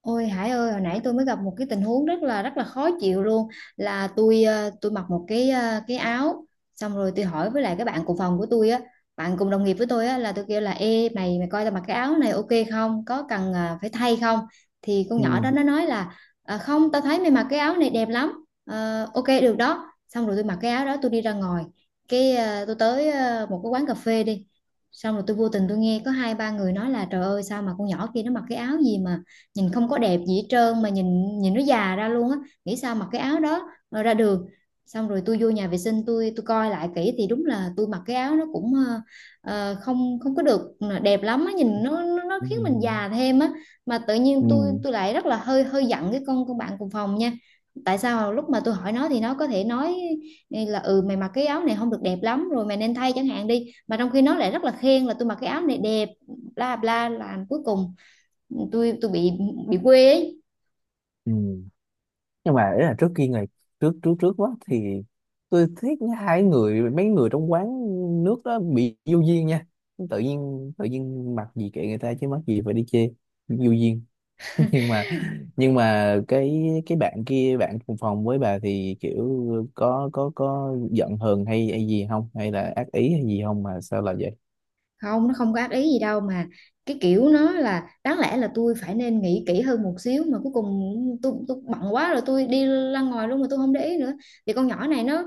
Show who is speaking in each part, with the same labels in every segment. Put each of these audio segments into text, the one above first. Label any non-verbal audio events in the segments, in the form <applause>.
Speaker 1: Ôi Hải ơi, hồi nãy tôi mới gặp một cái tình huống rất là khó chịu luôn. Là tôi tôi mặc một cái cái áo, xong rồi tôi hỏi với lại cái bạn cùng phòng của tôi á, bạn cùng đồng nghiệp với tôi á, là tôi kêu là: Ê mày mày coi tao mặc cái áo này ok không? Có cần phải thay không? Thì con
Speaker 2: Ừ,
Speaker 1: nhỏ đó nó nói là "Không, tao thấy mày mặc cái áo này đẹp lắm. Ờ, ok, được đó." Xong rồi tôi mặc cái áo đó tôi đi ra ngoài. Cái tôi tới một cái quán cà phê đi. Xong rồi tôi vô tình tôi nghe có hai ba người nói là: Trời ơi, sao mà con nhỏ kia nó mặc cái áo gì mà nhìn không có đẹp gì hết trơn, mà nhìn nhìn nó già ra luôn á, nghĩ sao mặc cái áo đó rồi ra đường. Xong rồi tôi vô nhà vệ sinh, tôi coi lại kỹ thì đúng là tôi mặc cái áo nó cũng không không có được đẹp lắm á, nhìn nó nó
Speaker 2: ừ,
Speaker 1: khiến
Speaker 2: ừ,
Speaker 1: mình
Speaker 2: ừ.
Speaker 1: già thêm á. Mà tự nhiên tôi
Speaker 2: Ừ,
Speaker 1: tôi lại rất là hơi hơi giận cái con bạn cùng phòng nha. Tại sao lúc mà tôi hỏi nó thì nó có thể nói là: Ừ, mày mặc cái áo này không được đẹp lắm rồi, mày nên thay chẳng hạn đi, mà trong khi nó lại rất là khen là tôi mặc cái áo này đẹp, bla bla. Là cuối cùng tôi bị quê ấy.
Speaker 2: ừ. Nhưng mà ý là trước kia ngày trước trước trước quá thì tôi thấy hai người mấy người trong quán nước đó bị vô duyên nha. Tự nhiên mặc gì kệ người ta, chứ mắc gì phải đi chê. Vô duyên. <laughs> nhưng mà nhưng mà cái bạn kia, bạn cùng phòng với bà thì kiểu có giận hờn hay hay gì không, hay là ác ý hay gì không mà sao là vậy?
Speaker 1: Không, nó không có ác ý gì đâu, mà cái kiểu nó là đáng lẽ là tôi phải nên nghĩ kỹ hơn một xíu mà cuối cùng tôi bận quá rồi tôi đi ra ngoài luôn mà tôi không để ý nữa. Thì con nhỏ này nó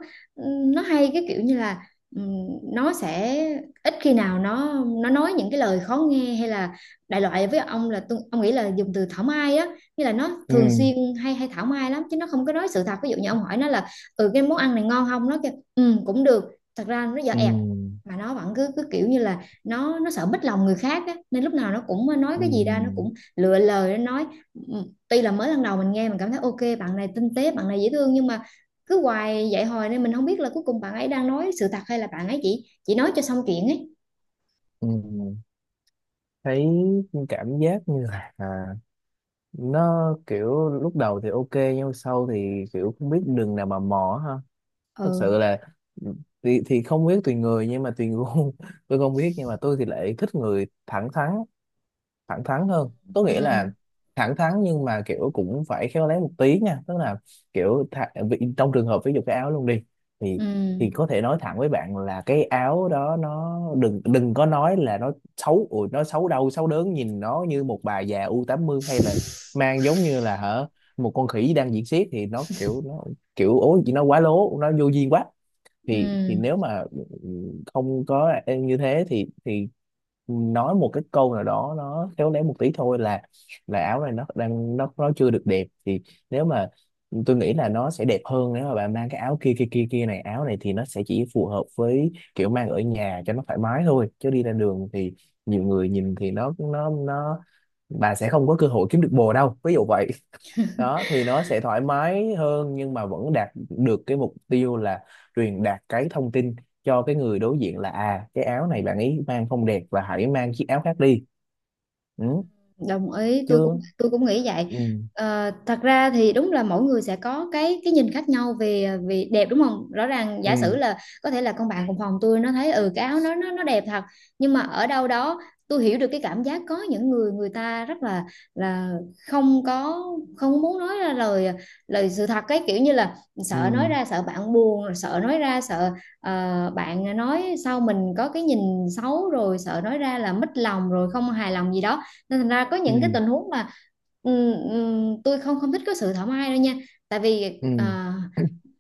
Speaker 1: nó hay cái kiểu như là ừm, nó sẽ ít khi nào nó nói những cái lời khó nghe hay là đại loại. Với ông là tôi, ông nghĩ là dùng từ thảo mai á, như là nó
Speaker 2: Ừ,
Speaker 1: thường xuyên hay hay thảo mai lắm chứ nó không có nói sự thật. Ví dụ như ông hỏi nó là: Ừ, cái món ăn này ngon không? Nó kêu ừ cũng được, thật ra nó dở ẹt.
Speaker 2: ừ,
Speaker 1: Mà nó vẫn cứ cứ kiểu như là nó sợ bích lòng người khác á, nên lúc nào nó cũng nói cái gì ra nó
Speaker 2: ừ,
Speaker 1: cũng lựa lời nó nói. Ừ, tuy là mới lần đầu mình nghe mình cảm thấy ok bạn này tinh tế, bạn này dễ thương, nhưng mà cứ hoài vậy hồi nên mình không biết là cuối cùng bạn ấy đang nói sự thật hay là bạn ấy chỉ nói cho xong chuyện ấy.
Speaker 2: ừ. Thấy cảm giác như là, nó kiểu lúc đầu thì ok, nhưng mà sau thì kiểu không biết đường nào mà mò ha. Thật
Speaker 1: Ừ,
Speaker 2: sự là, thì không biết, tùy người nhưng mà tùy gu. <laughs> Tôi không biết, nhưng mà tôi thì lại thích người thẳng thắn. Thẳng thắn hơn có nghĩa là
Speaker 1: ừ,
Speaker 2: thẳng thắn nhưng mà kiểu cũng phải khéo léo một tí nha, tức là kiểu vì trong trường hợp ví dụ cái áo luôn đi, thì
Speaker 1: ừ,
Speaker 2: có thể nói thẳng với bạn là cái áo đó nó đừng đừng có nói là nó xấu ủi, nó xấu đâu xấu đớn, nhìn nó như một bà già u tám mươi, hay là mang giống như là hả một con khỉ đang diễn xiếc, thì nó kiểu ố gì nó quá lố, nó vô duyên quá. Thì
Speaker 1: ừ,
Speaker 2: nếu mà không có như thế thì nói một cái câu nào đó nó khéo léo một tí thôi, là áo này nó đang nó chưa được đẹp, thì nếu mà tôi nghĩ là nó sẽ đẹp hơn nếu mà bạn mang cái áo kia kia kia kia, này áo này thì nó sẽ chỉ phù hợp với kiểu mang ở nhà cho nó thoải mái thôi, chứ đi ra đường thì nhiều người nhìn thì nó bà sẽ không có cơ hội kiếm được bồ đâu, ví dụ vậy đó, thì nó sẽ thoải mái hơn nhưng mà vẫn đạt được cái mục tiêu là truyền đạt cái thông tin cho cái người đối diện, là à cái áo này bạn ấy mang không đẹp và hãy mang chiếc áo khác đi. Ừ,
Speaker 1: đồng ý. tôi cũng
Speaker 2: chưa.
Speaker 1: tôi cũng nghĩ vậy.
Speaker 2: Ừ,
Speaker 1: Thật ra thì đúng là mỗi người sẽ có cái nhìn khác nhau về về đẹp, đúng không? Rõ ràng giả
Speaker 2: ừ,
Speaker 1: sử là có thể là con bạn cùng phòng tôi nó thấy ừ cái áo nó đẹp thật, nhưng mà ở đâu đó tôi hiểu được cái cảm giác có những người người ta rất là không có không muốn nói ra lời lời sự thật, cái kiểu như là sợ nói
Speaker 2: ừ,
Speaker 1: ra sợ bạn buồn, rồi sợ nói ra sợ bạn nói sau mình có cái nhìn xấu, rồi sợ nói ra là mất lòng rồi không hài lòng gì đó. Nên thành ra có
Speaker 2: ừ,
Speaker 1: những cái tình huống mà tôi không không thích cái sự thảo mai đâu nha. Tại vì
Speaker 2: ừ,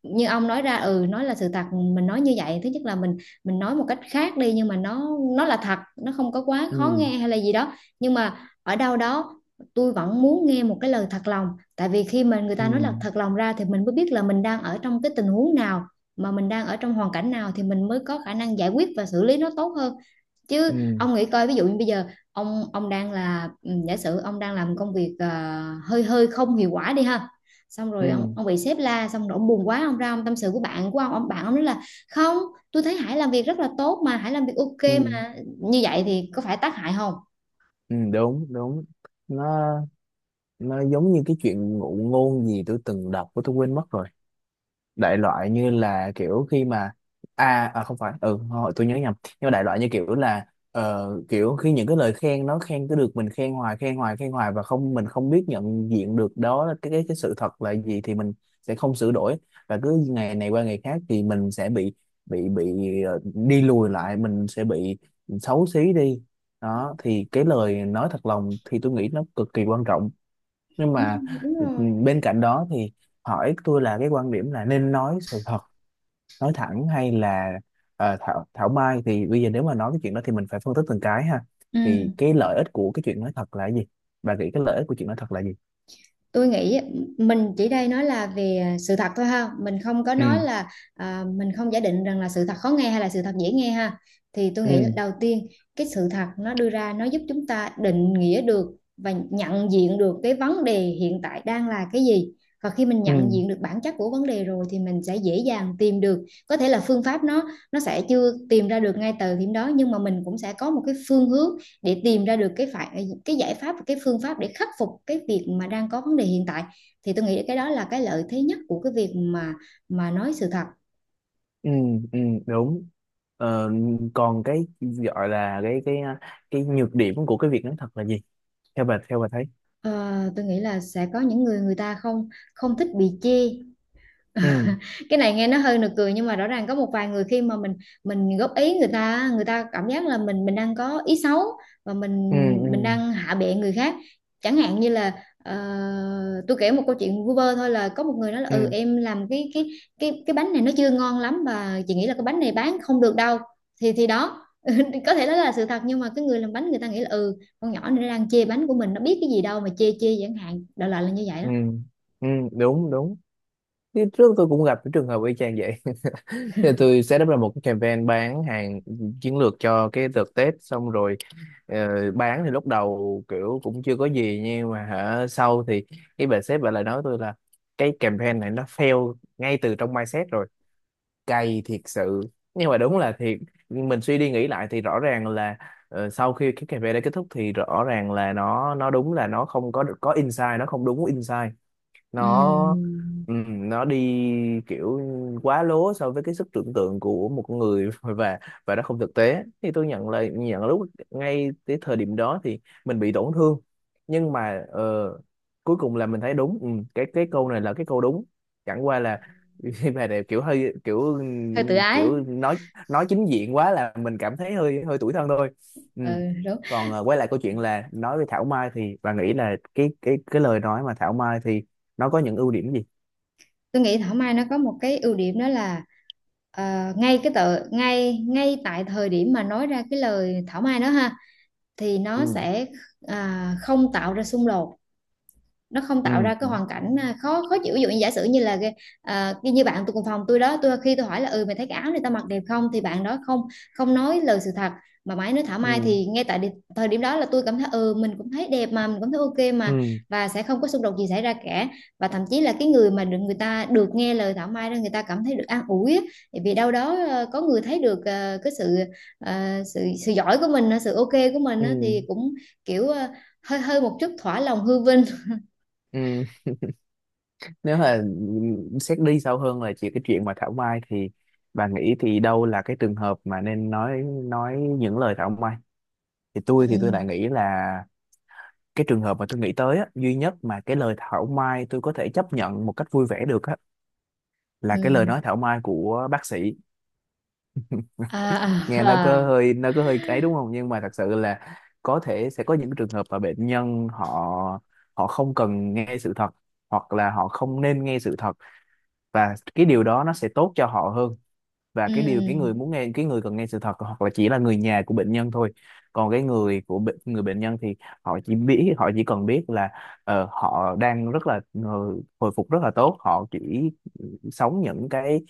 Speaker 1: như ông nói ra, ừ, nói là sự thật. Mình nói như vậy, thứ nhất là mình nói một cách khác đi nhưng mà nó là thật, nó không có quá khó
Speaker 2: ừ,
Speaker 1: nghe hay là gì đó. Nhưng mà ở đâu đó tôi vẫn muốn nghe một cái lời thật lòng, tại vì khi mà người
Speaker 2: ừ,
Speaker 1: ta nói là thật lòng ra thì mình mới biết là mình đang ở trong cái tình huống nào, mà mình đang ở trong hoàn cảnh nào thì mình mới có khả năng giải quyết và xử lý nó tốt hơn. Chứ
Speaker 2: ừ,
Speaker 1: ông nghĩ coi, ví dụ như bây giờ ông đang là giả sử ông đang làm công việc hơi hơi không hiệu quả đi ha, xong
Speaker 2: ừ,
Speaker 1: rồi ông bị sếp la, xong rồi ông buồn quá ông ra ông tâm sự của bạn của ông bạn ông nói là: Không, tôi thấy Hải làm việc rất là tốt mà, Hải làm việc ok
Speaker 2: ừ,
Speaker 1: mà. Như vậy thì có phải tác hại không?
Speaker 2: ừ. Đúng, đúng. nó nó giống như cái chuyện ngụ ngôn gì tôi từng đọc, của tôi quên mất rồi, đại loại như là kiểu khi mà, à không phải, ừ, hồi tôi nhớ nhầm, nhưng mà đại loại như kiểu là, kiểu khi những cái lời khen, nó khen cứ được mình khen hoài khen hoài khen hoài, và không mình không biết nhận diện được đó là cái sự thật là gì, thì mình sẽ không sửa đổi. Và cứ ngày này qua ngày khác thì mình sẽ bị đi lùi lại, mình sẽ bị xấu xí đi. Đó thì cái lời nói thật lòng thì tôi nghĩ nó cực kỳ quan trọng. Nhưng mà,
Speaker 1: Đúng, đúng
Speaker 2: ừ,
Speaker 1: rồi.
Speaker 2: bên cạnh đó thì hỏi tôi là cái quan điểm là nên nói sự thật, nói thẳng hay là thảo thảo mai, thì bây giờ nếu mà nói cái chuyện đó thì mình phải phân tích từng cái ha.
Speaker 1: Ừ,
Speaker 2: Thì cái lợi ích của cái chuyện nói thật là cái gì? Bà nghĩ cái lợi ích của chuyện nói thật là gì?
Speaker 1: tôi nghĩ mình chỉ đây nói là về sự thật thôi ha, mình không có nói
Speaker 2: Ừ,
Speaker 1: là mình không giả định rằng là sự thật khó nghe hay là sự thật dễ nghe ha. Thì tôi nghĩ
Speaker 2: ừ,
Speaker 1: đầu tiên cái sự thật nó đưa ra, nó giúp chúng ta định nghĩa được và nhận diện được cái vấn đề hiện tại đang là cái gì. Và khi mình
Speaker 2: ừ,
Speaker 1: nhận diện được bản chất của vấn đề rồi thì mình sẽ dễ dàng tìm được, có thể là phương pháp nó sẽ chưa tìm ra được ngay từ điểm đó nhưng mà mình cũng sẽ có một cái phương hướng để tìm ra được cái giải pháp và cái phương pháp để khắc phục cái việc mà đang có vấn đề hiện tại. Thì tôi nghĩ cái đó là cái lợi thế nhất của cái việc mà nói sự thật.
Speaker 2: ừ, ừ. Đúng. Ờ, Còn cái gọi là cái nhược điểm của cái việc nói thật là gì? Theo bà, thấy?
Speaker 1: Ờ, tôi nghĩ là sẽ có những người người ta không không thích bị chê.
Speaker 2: Ừ,
Speaker 1: <laughs> Cái này nghe nó hơi nực cười nhưng mà rõ ràng có một vài người khi mà mình góp ý, người ta cảm giác là mình đang có ý xấu và mình
Speaker 2: ừ, ừ,
Speaker 1: mình đang hạ bệ người khác. Chẳng hạn như là ờ, tôi kể một câu chuyện vu vơ thôi là có một người nói là: Ừ,
Speaker 2: ừ,
Speaker 1: em làm cái bánh này nó chưa ngon lắm và chị nghĩ là cái bánh này bán không được đâu. Thì đó, <laughs> có thể đó là sự thật nhưng mà cái người làm bánh người ta nghĩ là: Ừ, con nhỏ này nó đang chê bánh của mình, nó biết cái gì đâu mà chê chê chẳng hạn, đại loại là như vậy đó.
Speaker 2: ừ, ừ. Đúng, đúng. Thì trước tôi cũng gặp cái trường hợp y chang vậy. <laughs> Thì tôi set up ra một cái campaign bán hàng chiến lược cho cái đợt Tết, xong rồi ờ, bán thì lúc đầu kiểu cũng chưa có gì, nhưng mà hả sau thì cái bà sếp, bà lại nói tôi là cái campaign này nó fail ngay từ trong mindset rồi. Cay thiệt sự. Nhưng mà đúng là thiệt, mình suy đi nghĩ lại thì rõ ràng là, sau khi cái campaign đã kết thúc thì rõ ràng là nó đúng là nó không có insight, nó không đúng insight. nó
Speaker 1: Ừm,
Speaker 2: nó đi kiểu quá lố so với cái sức tưởng tượng của một con người. <laughs> Và nó không thực tế, thì tôi nhận, lúc ngay cái thời điểm đó thì mình bị tổn thương, nhưng mà cuối cùng là mình thấy đúng. Cái câu này là cái câu đúng, chẳng qua là <laughs> khi mà này kiểu hơi kiểu
Speaker 1: hơi tự ái.
Speaker 2: kiểu nói chính diện quá là mình cảm thấy hơi hơi tủi thân thôi.
Speaker 1: Ừ,
Speaker 2: Ừm.
Speaker 1: đúng.
Speaker 2: Còn quay lại câu chuyện là nói về Thảo Mai, thì bà nghĩ là cái lời nói mà Thảo Mai thì nó có những ưu điểm gì?
Speaker 1: Tôi nghĩ thảo mai nó có một cái ưu điểm, đó là ngay cái tờ ngay ngay tại thời điểm mà nói ra cái lời thảo mai đó ha thì nó
Speaker 2: Ừ,
Speaker 1: sẽ không tạo ra xung đột, nó không tạo ra cái
Speaker 2: ừ,
Speaker 1: hoàn cảnh khó khó chịu. Ví dụ như giả sử như là như bạn tôi cùng phòng tôi đó, tôi khi tôi hỏi là: Ừ, mày thấy cái áo này tao mặc đẹp không? Thì bạn đó không không nói lời sự thật mà mãi nói thảo mai,
Speaker 2: ừ,
Speaker 1: thì ngay tại thời điểm đó là tôi cảm thấy ừ mình cũng thấy đẹp mà, mình cũng thấy ok mà,
Speaker 2: ừ,
Speaker 1: và sẽ không có xung đột gì xảy ra cả. Và thậm chí là cái người mà được, người ta được nghe lời thảo mai đó, người ta cảm thấy được an ủi á, vì đâu đó có người thấy được cái ờ, sự sự giỏi của mình, sự ok của mình
Speaker 2: ừ,
Speaker 1: á, thì cũng kiểu hơi hơi một chút thỏa lòng hư vinh.
Speaker 2: ừ. Nếu mà xét đi sâu hơn là chỉ cái chuyện mà thảo mai, thì bà nghĩ thì đâu là cái trường hợp mà nên nói những lời thảo mai? Thì tôi
Speaker 1: Ừ,
Speaker 2: lại nghĩ là cái trường hợp mà tôi nghĩ tới á, duy nhất mà cái lời thảo mai tôi có thể chấp nhận một cách vui vẻ được á, là cái lời
Speaker 1: ừ,
Speaker 2: nói thảo mai của bác sĩ.
Speaker 1: à, à,
Speaker 2: Nghe nó có
Speaker 1: à.
Speaker 2: hơi, ấy, đúng không, nhưng mà thật sự là có thể sẽ có những trường hợp mà bệnh nhân họ họ không cần nghe sự thật, hoặc là họ không nên nghe sự thật, và cái điều đó nó sẽ tốt cho họ hơn. Và
Speaker 1: Ừ,
Speaker 2: cái người cần nghe sự thật hoặc là chỉ là người nhà của bệnh nhân thôi. Còn cái người của bệnh người bệnh nhân thì họ chỉ cần biết là họ đang rất là, hồi phục rất là tốt, họ chỉ sống những cái,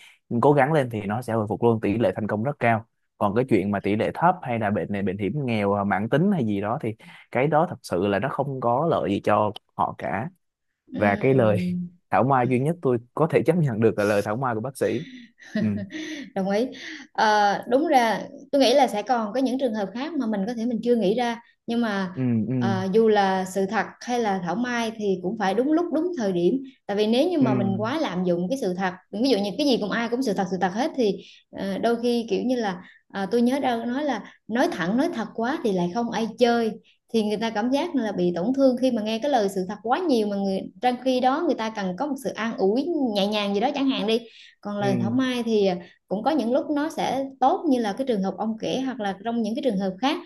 Speaker 2: cố gắng lên thì nó sẽ hồi phục luôn, tỷ lệ thành công rất cao. Còn cái chuyện mà tỷ lệ thấp hay là bệnh này bệnh hiểm nghèo, mãn tính hay gì đó thì cái đó thật sự là nó không có lợi gì cho họ cả. Và cái lời
Speaker 1: ừ,
Speaker 2: <laughs> thảo mai duy nhất tôi có thể chấp nhận được là lời thảo mai của bác sĩ. Ừ,
Speaker 1: đồng ý. Đúng ra, tôi nghĩ là sẽ còn có những trường hợp khác mà mình có thể mình chưa nghĩ ra, nhưng mà
Speaker 2: ừ, ừ,
Speaker 1: dù là sự thật hay là thảo mai thì cũng phải đúng lúc đúng thời điểm, tại vì nếu như
Speaker 2: ừ,
Speaker 1: mà mình quá lạm dụng cái sự thật, ví dụ như cái gì cũng ai cũng sự thật hết thì đôi khi kiểu như là tôi nhớ đâu nói là nói thẳng nói thật quá thì lại không ai chơi. Thì người ta cảm giác là bị tổn thương khi mà nghe cái lời sự thật quá nhiều, mà trong khi đó người ta cần có một sự an ủi nhẹ nhàng gì đó chẳng hạn đi. Còn lời thảo
Speaker 2: ừ,
Speaker 1: mai thì cũng có những lúc nó sẽ tốt như là cái trường hợp ông kể hoặc là trong những cái trường hợp khác,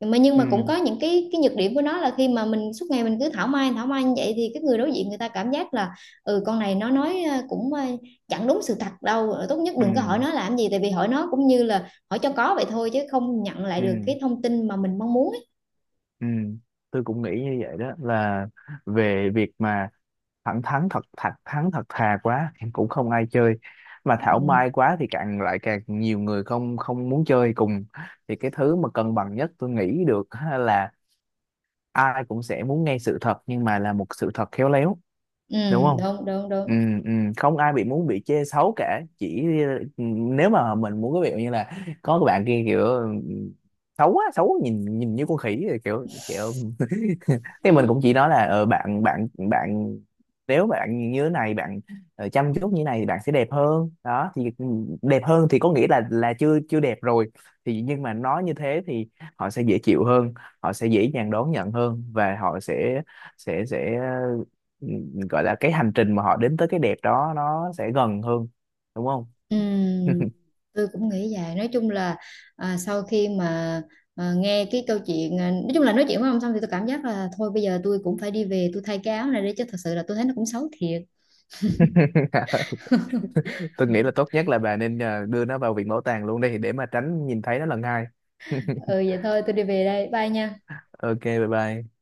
Speaker 1: mà nhưng
Speaker 2: ừ,
Speaker 1: mà cũng có những cái nhược điểm của nó là khi mà mình suốt ngày mình cứ thảo mai như vậy thì cái người đối diện người ta cảm giác là: Ừ, con này nó nói cũng chẳng đúng sự thật đâu, tốt nhất
Speaker 2: ừ,
Speaker 1: đừng có hỏi nó làm gì, tại vì hỏi nó cũng như là hỏi cho có vậy thôi chứ không nhận lại
Speaker 2: ừ,
Speaker 1: được cái thông tin mà mình mong muốn ấy.
Speaker 2: ừ. Tôi cũng nghĩ như vậy, đó là về việc mà thẳng thắn, thật thật thắn thật thà quá thì cũng không ai chơi, mà thảo
Speaker 1: Ừ.
Speaker 2: mai quá thì càng lại càng nhiều người không không muốn chơi cùng. Thì cái thứ mà cân bằng nhất tôi nghĩ được ha, là ai cũng sẽ muốn nghe sự thật nhưng mà là một sự thật khéo léo,
Speaker 1: Ừ,
Speaker 2: đúng không?
Speaker 1: đúng, đúng,
Speaker 2: Ừ,
Speaker 1: đúng.
Speaker 2: ừ. Không ai bị chê xấu cả, ừ, nếu mà mình muốn cái việc như là có cái bạn kia kiểu, xấu quá xấu, nhìn nhìn như con khỉ rồi kiểu, thì mình cũng chỉ nói là bạn bạn bạn, nếu bạn như thế này, bạn chăm chút như thế này thì bạn sẽ đẹp hơn đó, thì đẹp hơn thì có nghĩa là chưa chưa đẹp rồi. Thì nhưng mà nói như thế thì họ sẽ dễ chịu hơn, họ sẽ dễ dàng đón nhận hơn, và họ sẽ sẽ sẽ ừ, gọi là cái hành trình mà họ đến tới cái đẹp đó nó sẽ gần hơn, đúng không?
Speaker 1: Ừ, tôi cũng nghĩ vậy. Nói chung là sau khi mà nghe cái câu chuyện nói chung là nói chuyện với ông xong thì tôi cảm giác là thôi bây giờ tôi cũng phải đi về tôi thay cái áo này đi, chứ thật sự là tôi thấy nó cũng xấu thiệt.
Speaker 2: <laughs>
Speaker 1: <laughs>
Speaker 2: Tôi nghĩ là tốt nhất là bà nên đưa nó vào viện bảo tàng luôn đi để mà tránh nhìn thấy nó lần hai. <laughs>
Speaker 1: Ừ, vậy thôi, tôi đi về đây, bye nha.
Speaker 2: Ok, bye bye.